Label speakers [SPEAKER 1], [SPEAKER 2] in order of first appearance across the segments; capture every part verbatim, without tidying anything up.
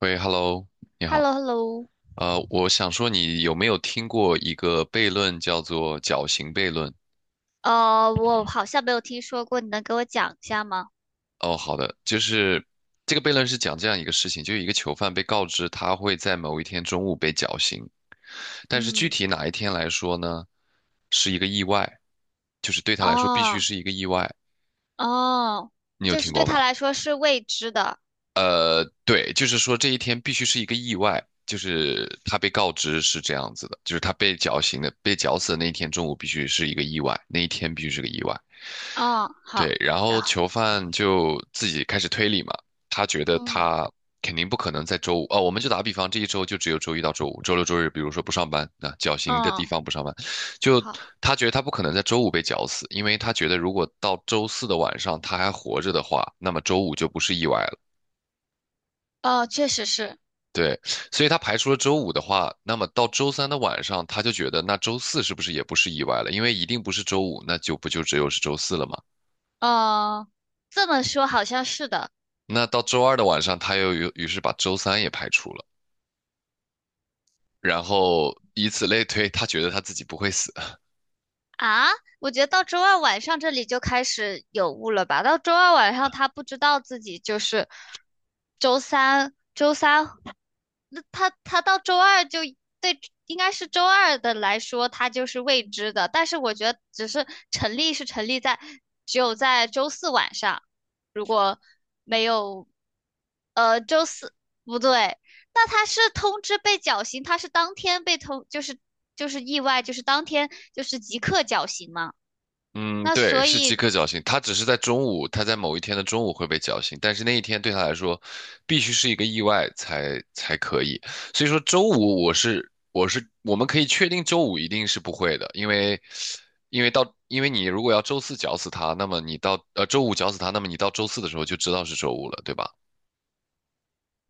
[SPEAKER 1] 喂，Hello，你
[SPEAKER 2] h e l l
[SPEAKER 1] 好。
[SPEAKER 2] o h e l l o
[SPEAKER 1] 呃，我想说，你有没有听过一个悖论，叫做绞刑悖论？
[SPEAKER 2] 呃，我好像没有听说过，你能给我讲一下吗？
[SPEAKER 1] 哦，好的，就是这个悖论是讲这样一个事情，就是一个囚犯被告知他会在某一天中午被绞刑，但是具
[SPEAKER 2] 嗯。
[SPEAKER 1] 体哪一天来说呢，是一个意外，就是对他来说必须
[SPEAKER 2] 哦，
[SPEAKER 1] 是一个意外。
[SPEAKER 2] 哦，
[SPEAKER 1] 你有
[SPEAKER 2] 就是
[SPEAKER 1] 听过
[SPEAKER 2] 对
[SPEAKER 1] 吗？
[SPEAKER 2] 他来说是未知的。
[SPEAKER 1] 对，就是说这一天必须是一个意外，就是他被告知是这样子的，就是他被绞刑的，被绞死的那一天中午必须是一个意外，那一天必须是个意外。
[SPEAKER 2] 嗯，
[SPEAKER 1] 对，
[SPEAKER 2] 好。
[SPEAKER 1] 然
[SPEAKER 2] 然
[SPEAKER 1] 后
[SPEAKER 2] 后，
[SPEAKER 1] 囚犯就自己开始推理嘛，他觉得
[SPEAKER 2] 嗯，
[SPEAKER 1] 他肯定不可能在周五。哦，我们就打比方，这一周就只有周一到周五，周六周日比如说不上班，那绞刑的地
[SPEAKER 2] 嗯，
[SPEAKER 1] 方不上班，就
[SPEAKER 2] 好。
[SPEAKER 1] 他觉得他不可能在周五被绞死，因为他觉得如果到周四的晚上他还活着的话，那么周五就不是意外了。
[SPEAKER 2] 哦，确实是。
[SPEAKER 1] 对，所以他排除了周五的话，那么到周三的晚上，他就觉得那周四是不是也不是意外了？因为一定不是周五，那就不就只有是周四了吗？
[SPEAKER 2] 哦，这么说好像是的。
[SPEAKER 1] 那到周二的晚上，他又于于是把周三也排除了，然后以此类推，他觉得他自己不会死。
[SPEAKER 2] 啊，我觉得到周二晚上这里就开始有雾了吧？到周二晚上他不知道自己就是周三，周三他他到周二就对，应该是周二的来说，他就是未知的。但是我觉得，只是成立是成立在只有在周四晚上，如果没有，呃，周四不对，那他是通知被绞刑，他是当天被通，就是就是意外，就是当天就是即刻绞刑嘛。
[SPEAKER 1] 嗯，
[SPEAKER 2] 那
[SPEAKER 1] 对，
[SPEAKER 2] 所
[SPEAKER 1] 是即
[SPEAKER 2] 以，
[SPEAKER 1] 刻绞刑。他只是在中午，他在某一天的中午会被绞刑，但是那一天对他来说，必须是一个意外才才可以。所以说周五我是我是我们可以确定周五一定是不会的，因为因为到因为你如果要周四绞死他，那么你到呃周五绞死他，那么你到周四的时候就知道是周五了，对吧？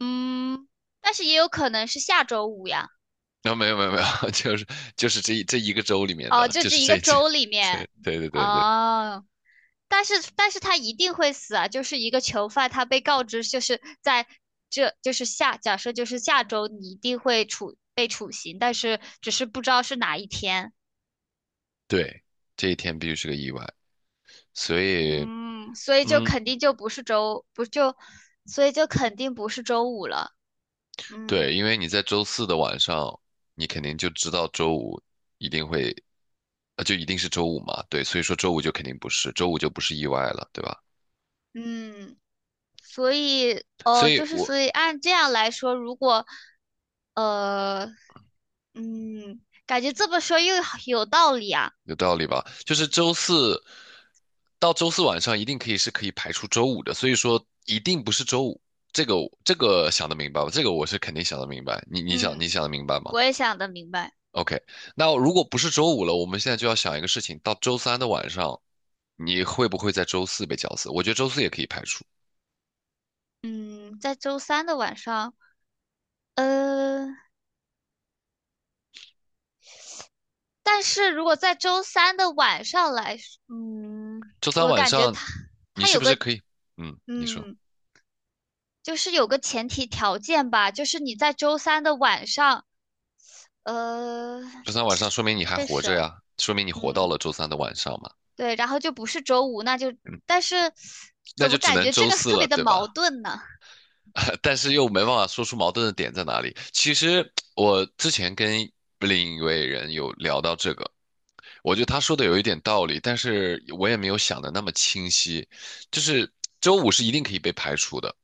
[SPEAKER 2] 嗯。但是也有可能是下周五呀。
[SPEAKER 1] 啊、没有没有没有，就是就是这一这一个周里面
[SPEAKER 2] 哦，
[SPEAKER 1] 的，
[SPEAKER 2] 就
[SPEAKER 1] 就
[SPEAKER 2] 这是
[SPEAKER 1] 是
[SPEAKER 2] 一个
[SPEAKER 1] 这这
[SPEAKER 2] 周里 面。
[SPEAKER 1] 对对对对对
[SPEAKER 2] 哦。但是但是他一定会死啊！就是一个囚犯，他被告知就是在这就是下假设就是下周你一定会处被处刑，但是只是不知道是哪一天。
[SPEAKER 1] 对，这一天必须是个意外，所以。
[SPEAKER 2] 嗯，所以就
[SPEAKER 1] 嗯，
[SPEAKER 2] 肯定就不是周不就，所以就肯定不是周五了。嗯。
[SPEAKER 1] 对，因为你在周四的晚上，你肯定就知道周五一定会，呃，就一定是周五嘛。对，所以说周五就肯定不是，周五就不是意外了，对吧？
[SPEAKER 2] 嗯，所以
[SPEAKER 1] 所
[SPEAKER 2] 哦，
[SPEAKER 1] 以
[SPEAKER 2] 就是
[SPEAKER 1] 我
[SPEAKER 2] 所以按这样来说，如果呃嗯，感觉这么说又有道理啊。
[SPEAKER 1] 有道理吧？就是周四到周四晚上一定可以是可以排除周五的，所以说一定不是周五，这个这个想得明白吧？这个我是肯定想得明白，你你想你
[SPEAKER 2] 嗯，
[SPEAKER 1] 想得明白吗
[SPEAKER 2] 我也想得明白。
[SPEAKER 1] ？OK，那如果不是周五了，我们现在就要想一个事情，到周三的晚上，你会不会在周四被绞死？我觉得周四也可以排除。
[SPEAKER 2] 嗯，在周三的晚上，呃，但是如果在周三的晚上来说嗯，
[SPEAKER 1] 周三
[SPEAKER 2] 我
[SPEAKER 1] 晚
[SPEAKER 2] 感觉
[SPEAKER 1] 上
[SPEAKER 2] 他
[SPEAKER 1] 你
[SPEAKER 2] 他
[SPEAKER 1] 是
[SPEAKER 2] 有
[SPEAKER 1] 不是
[SPEAKER 2] 个，
[SPEAKER 1] 可以？嗯，你说
[SPEAKER 2] 嗯，就是有个前提条件吧，就是你在周三的晚上，呃，
[SPEAKER 1] 周三晚上说明你还
[SPEAKER 2] 这
[SPEAKER 1] 活
[SPEAKER 2] 是，
[SPEAKER 1] 着呀，说明你活到了
[SPEAKER 2] 嗯，
[SPEAKER 1] 周三的晚上嘛。
[SPEAKER 2] 对，然后就不是周五，那就，
[SPEAKER 1] 嗯，
[SPEAKER 2] 但是
[SPEAKER 1] 那
[SPEAKER 2] 怎
[SPEAKER 1] 就
[SPEAKER 2] 么
[SPEAKER 1] 只
[SPEAKER 2] 感
[SPEAKER 1] 能
[SPEAKER 2] 觉这
[SPEAKER 1] 周
[SPEAKER 2] 个
[SPEAKER 1] 四
[SPEAKER 2] 特
[SPEAKER 1] 了，
[SPEAKER 2] 别的
[SPEAKER 1] 对吧？
[SPEAKER 2] 矛盾呢？
[SPEAKER 1] 但是又没办法说出矛盾的点在哪里。其实我之前跟另一位人有聊到这个，我觉得他说的有一点道理，但是我也没有想的那么清晰。就是周五是一定可以被排除的，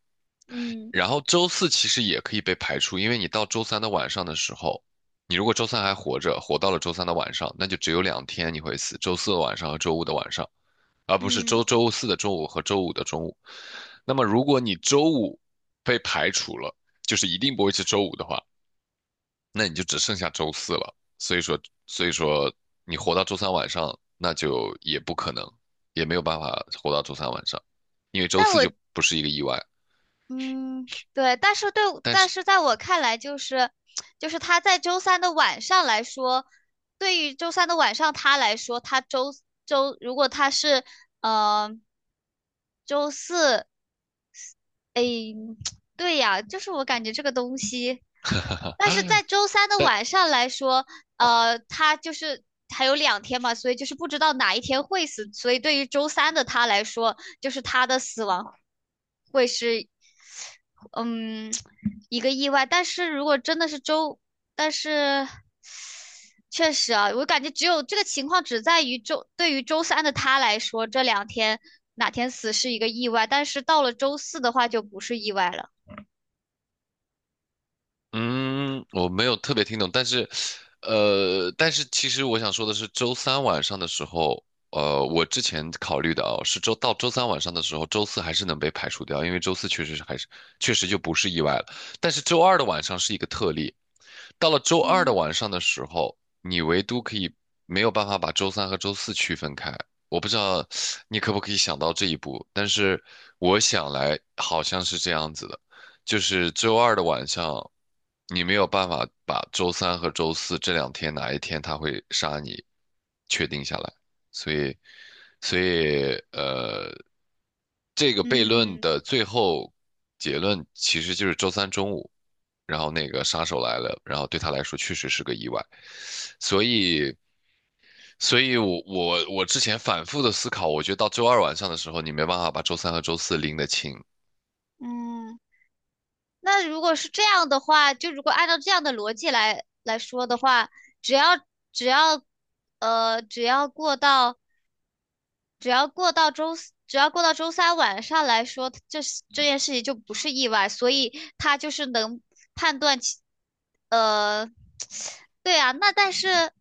[SPEAKER 2] 嗯。
[SPEAKER 1] 然后周四其实也可以被排除，因为你到周三的晚上的时候，你如果周三还活着，活到了周三的晚上，那就只有两天你会死，周四的晚上和周五的晚上，而不是周
[SPEAKER 2] 嗯，
[SPEAKER 1] 周四的中午和周五的中午。那么如果你周五被排除了，就是一定不会是周五的话，那你就只剩下周四了。所以说，所以说你活到周三晚上，那就也不可能，也没有办法活到周三晚上，因为周
[SPEAKER 2] 但
[SPEAKER 1] 四
[SPEAKER 2] 我。
[SPEAKER 1] 就不是一个意外。
[SPEAKER 2] 嗯，对，但是对，
[SPEAKER 1] 但
[SPEAKER 2] 但
[SPEAKER 1] 是，
[SPEAKER 2] 是在我看来，就是，就是他在周三的晚上来说，对于周三的晚上他来说，他周周如果他是呃周四，哎，对呀，就是我感觉这个东西，但是在周三的
[SPEAKER 1] 但。
[SPEAKER 2] 晚上来说，呃，他就是还有两天嘛，所以就是不知道哪一天会死，所以对于周三的他来说，就是他的死亡。会是嗯，一个意外。但是如果真的是周，但是确实啊，我感觉只有这个情况只在于周，对于周三的他来说，这两天哪天死是一个意外，但是到了周四的话就不是意外了。
[SPEAKER 1] 嗯，我没有特别听懂，但是，呃，但是其实我想说的是，周三晚上的时候，呃，我之前考虑的哦，是周到周三晚上的时候，周四还是能被排除掉，因为周四确实是还是确实就不是意外了，但是周二的晚上是一个特例，到了周二的
[SPEAKER 2] 嗯。
[SPEAKER 1] 晚上的时候，你唯独可以没有办法把周三和周四区分开，我不知道你可不可以想到这一步，但是我想来好像是这样子的。就是周二的晚上，你没有办法把周三和周四这两天哪一天他会杀你确定下来，所以，所以呃，这个悖论
[SPEAKER 2] 嗯。
[SPEAKER 1] 的最后结论其实就是周三中午，然后那个杀手来了，然后对他来说确实是个意外，所以，所以我我我之前反复的思考，我觉得到周二晚上的时候，你没办法把周三和周四拎得清，
[SPEAKER 2] 嗯，那如果是这样的话，就如果按照这样的逻辑来来说的话，只要只要呃只要过到。只要过到周四，只要过到周三晚上来说，这这件事情就不是意外，所以他就是能判断其，呃，对啊，那但是，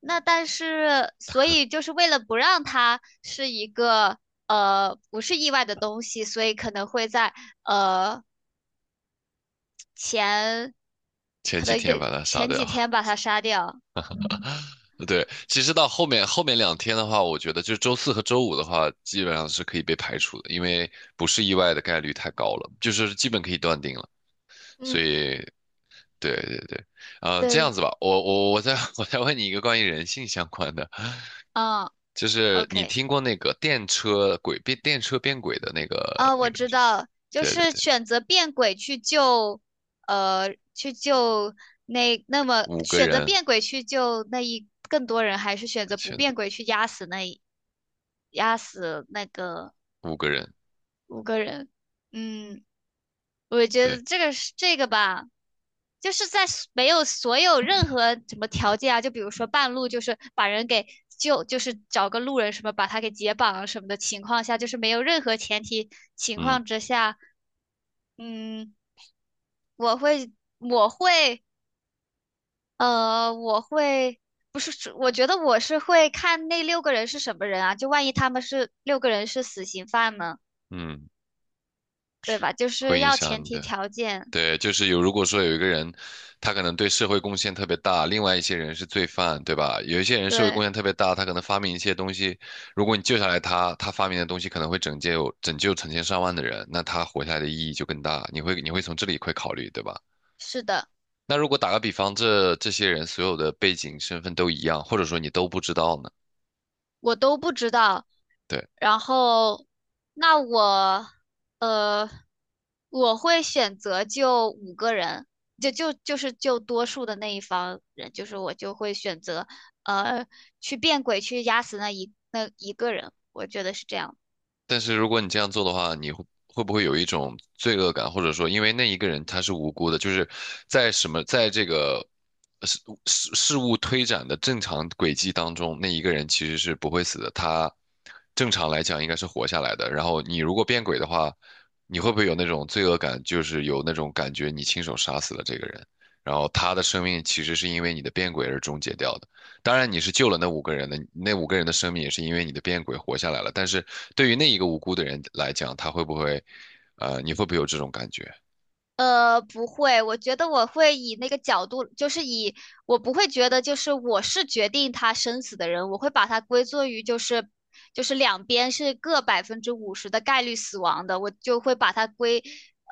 [SPEAKER 2] 那但是，所以就是为了不让它是一个呃不是意外的东西，所以可能会在呃前，
[SPEAKER 1] 前
[SPEAKER 2] 可
[SPEAKER 1] 几
[SPEAKER 2] 能
[SPEAKER 1] 天
[SPEAKER 2] 得
[SPEAKER 1] 把他杀
[SPEAKER 2] 前几
[SPEAKER 1] 掉。
[SPEAKER 2] 天把它杀掉。
[SPEAKER 1] 对，其实到后面后面两天的话，我觉得就周四和周五的话，基本上是可以被排除的，因为不是意外的概率太高了，就是基本可以断定了。所
[SPEAKER 2] 嗯，
[SPEAKER 1] 以，对对对，呃，这样
[SPEAKER 2] 对，
[SPEAKER 1] 子吧，我我我再 我再问你一个关于人性相关的，
[SPEAKER 2] 嗯
[SPEAKER 1] 就是你
[SPEAKER 2] ，OK。
[SPEAKER 1] 听过那个电车轨变电车变轨的那个
[SPEAKER 2] 啊，
[SPEAKER 1] 那
[SPEAKER 2] 我
[SPEAKER 1] 个，
[SPEAKER 2] 知道，就
[SPEAKER 1] 对对
[SPEAKER 2] 是
[SPEAKER 1] 对，
[SPEAKER 2] 选择变轨去救，呃，去救那那么
[SPEAKER 1] 五个
[SPEAKER 2] 选择
[SPEAKER 1] 人
[SPEAKER 2] 变轨去救那一更多人，还是选择不
[SPEAKER 1] 选择
[SPEAKER 2] 变轨去压死那一压死那个
[SPEAKER 1] 五个人，
[SPEAKER 2] 五个人？嗯，我觉
[SPEAKER 1] 对。
[SPEAKER 2] 得这个是这个吧，就是在所没有所有任何什么条件啊，就比如说半路就是把人给救，就是找个路人什么把他给解绑啊什么的情况下，就是没有任何前提情
[SPEAKER 1] 嗯
[SPEAKER 2] 况之下，嗯。我会，我会，呃，我会，不是是我觉得我是会看那六个人是什么人啊，就万一他们是六个人是死刑犯呢，
[SPEAKER 1] 嗯，
[SPEAKER 2] 对吧？就是
[SPEAKER 1] 会影
[SPEAKER 2] 要
[SPEAKER 1] 响
[SPEAKER 2] 前
[SPEAKER 1] 你
[SPEAKER 2] 提
[SPEAKER 1] 的。
[SPEAKER 2] 条件，
[SPEAKER 1] 对，就是有，如果说有一个人，他可能对社会贡献特别大，另外一些人是罪犯，对吧？有一些人社会贡
[SPEAKER 2] 对，
[SPEAKER 1] 献特别大，他可能发明一些东西，如果你救下来他，他发明的东西可能会拯救拯救成千上万的人，那他活下来的意义就更大。你会你会从这里会考虑，对吧？
[SPEAKER 2] 是的。
[SPEAKER 1] 那如果打个比方，这这些人所有的背景身份都一样，或者说你都不知道呢？
[SPEAKER 2] 我都不知道。
[SPEAKER 1] 对。
[SPEAKER 2] 然后，那我呃，我会选择就五个人，就就就是就多数的那一方人，就是我就会选择呃去变鬼去压死那一那一个人，我觉得是这样。
[SPEAKER 1] 但是如果你这样做的话，你会会不会有一种罪恶感，或者说因为那一个人他是无辜的，就是在什么在这个事事事物推展的正常轨迹当中，那一个人其实是不会死的，他正常来讲应该是活下来的。然后你如果变轨的话，你会不会有那种罪恶感，就是有那种感觉你亲手杀死了这个人，然后他的生命其实是因为你的变轨而终结掉的？当然你是救了那五个人的，那五个人的生命也是因为你的变鬼活下来了。但是对于那一个无辜的人来讲，他会不会，呃，你会不会有这种感觉？
[SPEAKER 2] 呃，不会，我觉得我会以那个角度，就是以我不会觉得就是我是决定他生死的人，我会把它归作于就是就是两边是各百分之五十的概率死亡的，我就会把它归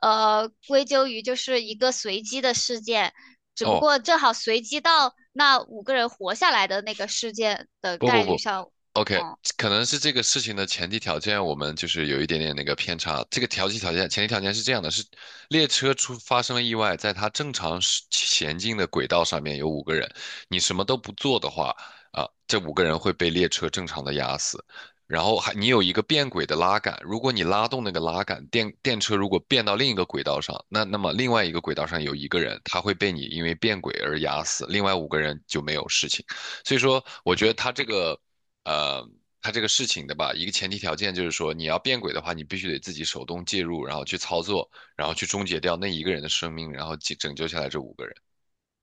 [SPEAKER 2] 呃归咎于就是一个随机的事件，只不
[SPEAKER 1] 哦，
[SPEAKER 2] 过正好随机到那五个人活下来的那个事件的
[SPEAKER 1] 不
[SPEAKER 2] 概
[SPEAKER 1] 不
[SPEAKER 2] 率
[SPEAKER 1] 不
[SPEAKER 2] 上，
[SPEAKER 1] ，OK,
[SPEAKER 2] 嗯。
[SPEAKER 1] 可能是这个事情的前提条件，我们就是有一点点那个偏差。这个条件条件前提条件是这样的：是列车出发生了意外，在它正常是前进的轨道上面有五个人，你什么都不做的话，啊，这五个人会被列车正常的压死。然后还你有一个变轨的拉杆，如果你拉动那个拉杆，电电车如果变到另一个轨道上，那那么另外一个轨道上有一个人，他会被你因为变轨而压死，另外五个人就没有事情。所以说，我觉得他这个，呃，他这个事情的吧，一个前提条件就是说，你要变轨的话，你必须得自己手动介入，然后去操作，然后去终结掉那一个人的生命，然后解拯救下来这五个人。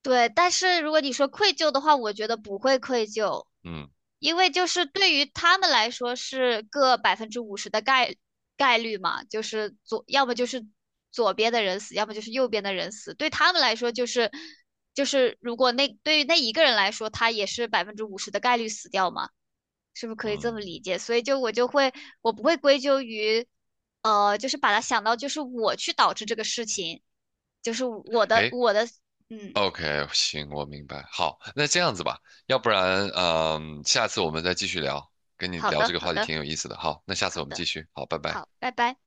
[SPEAKER 2] 对，但是如果你说愧疚的话，我觉得不会愧疚，
[SPEAKER 1] 嗯
[SPEAKER 2] 因为就是对于他们来说是个百分之五十的概概率嘛，就是左，要么就是左边的人死，要么就是右边的人死，对他们来说就是就是如果那对于那一个人来说，他也是百分之五十的概率死掉嘛，是不是可以这
[SPEAKER 1] 嗯，
[SPEAKER 2] 么理解？所以就我就会我不会归咎于，呃，就是把它想到就是我去导致这个事情，就是我的
[SPEAKER 1] 诶
[SPEAKER 2] 我的嗯。
[SPEAKER 1] o k 行，我明白。好，那这样子吧，要不然，嗯、下次我们再继续聊，跟你
[SPEAKER 2] 好
[SPEAKER 1] 聊这
[SPEAKER 2] 的，
[SPEAKER 1] 个
[SPEAKER 2] 好
[SPEAKER 1] 话题
[SPEAKER 2] 的，
[SPEAKER 1] 挺有意思的。好，那下次
[SPEAKER 2] 好
[SPEAKER 1] 我们继
[SPEAKER 2] 的，
[SPEAKER 1] 续。好，拜拜。
[SPEAKER 2] 好，拜拜。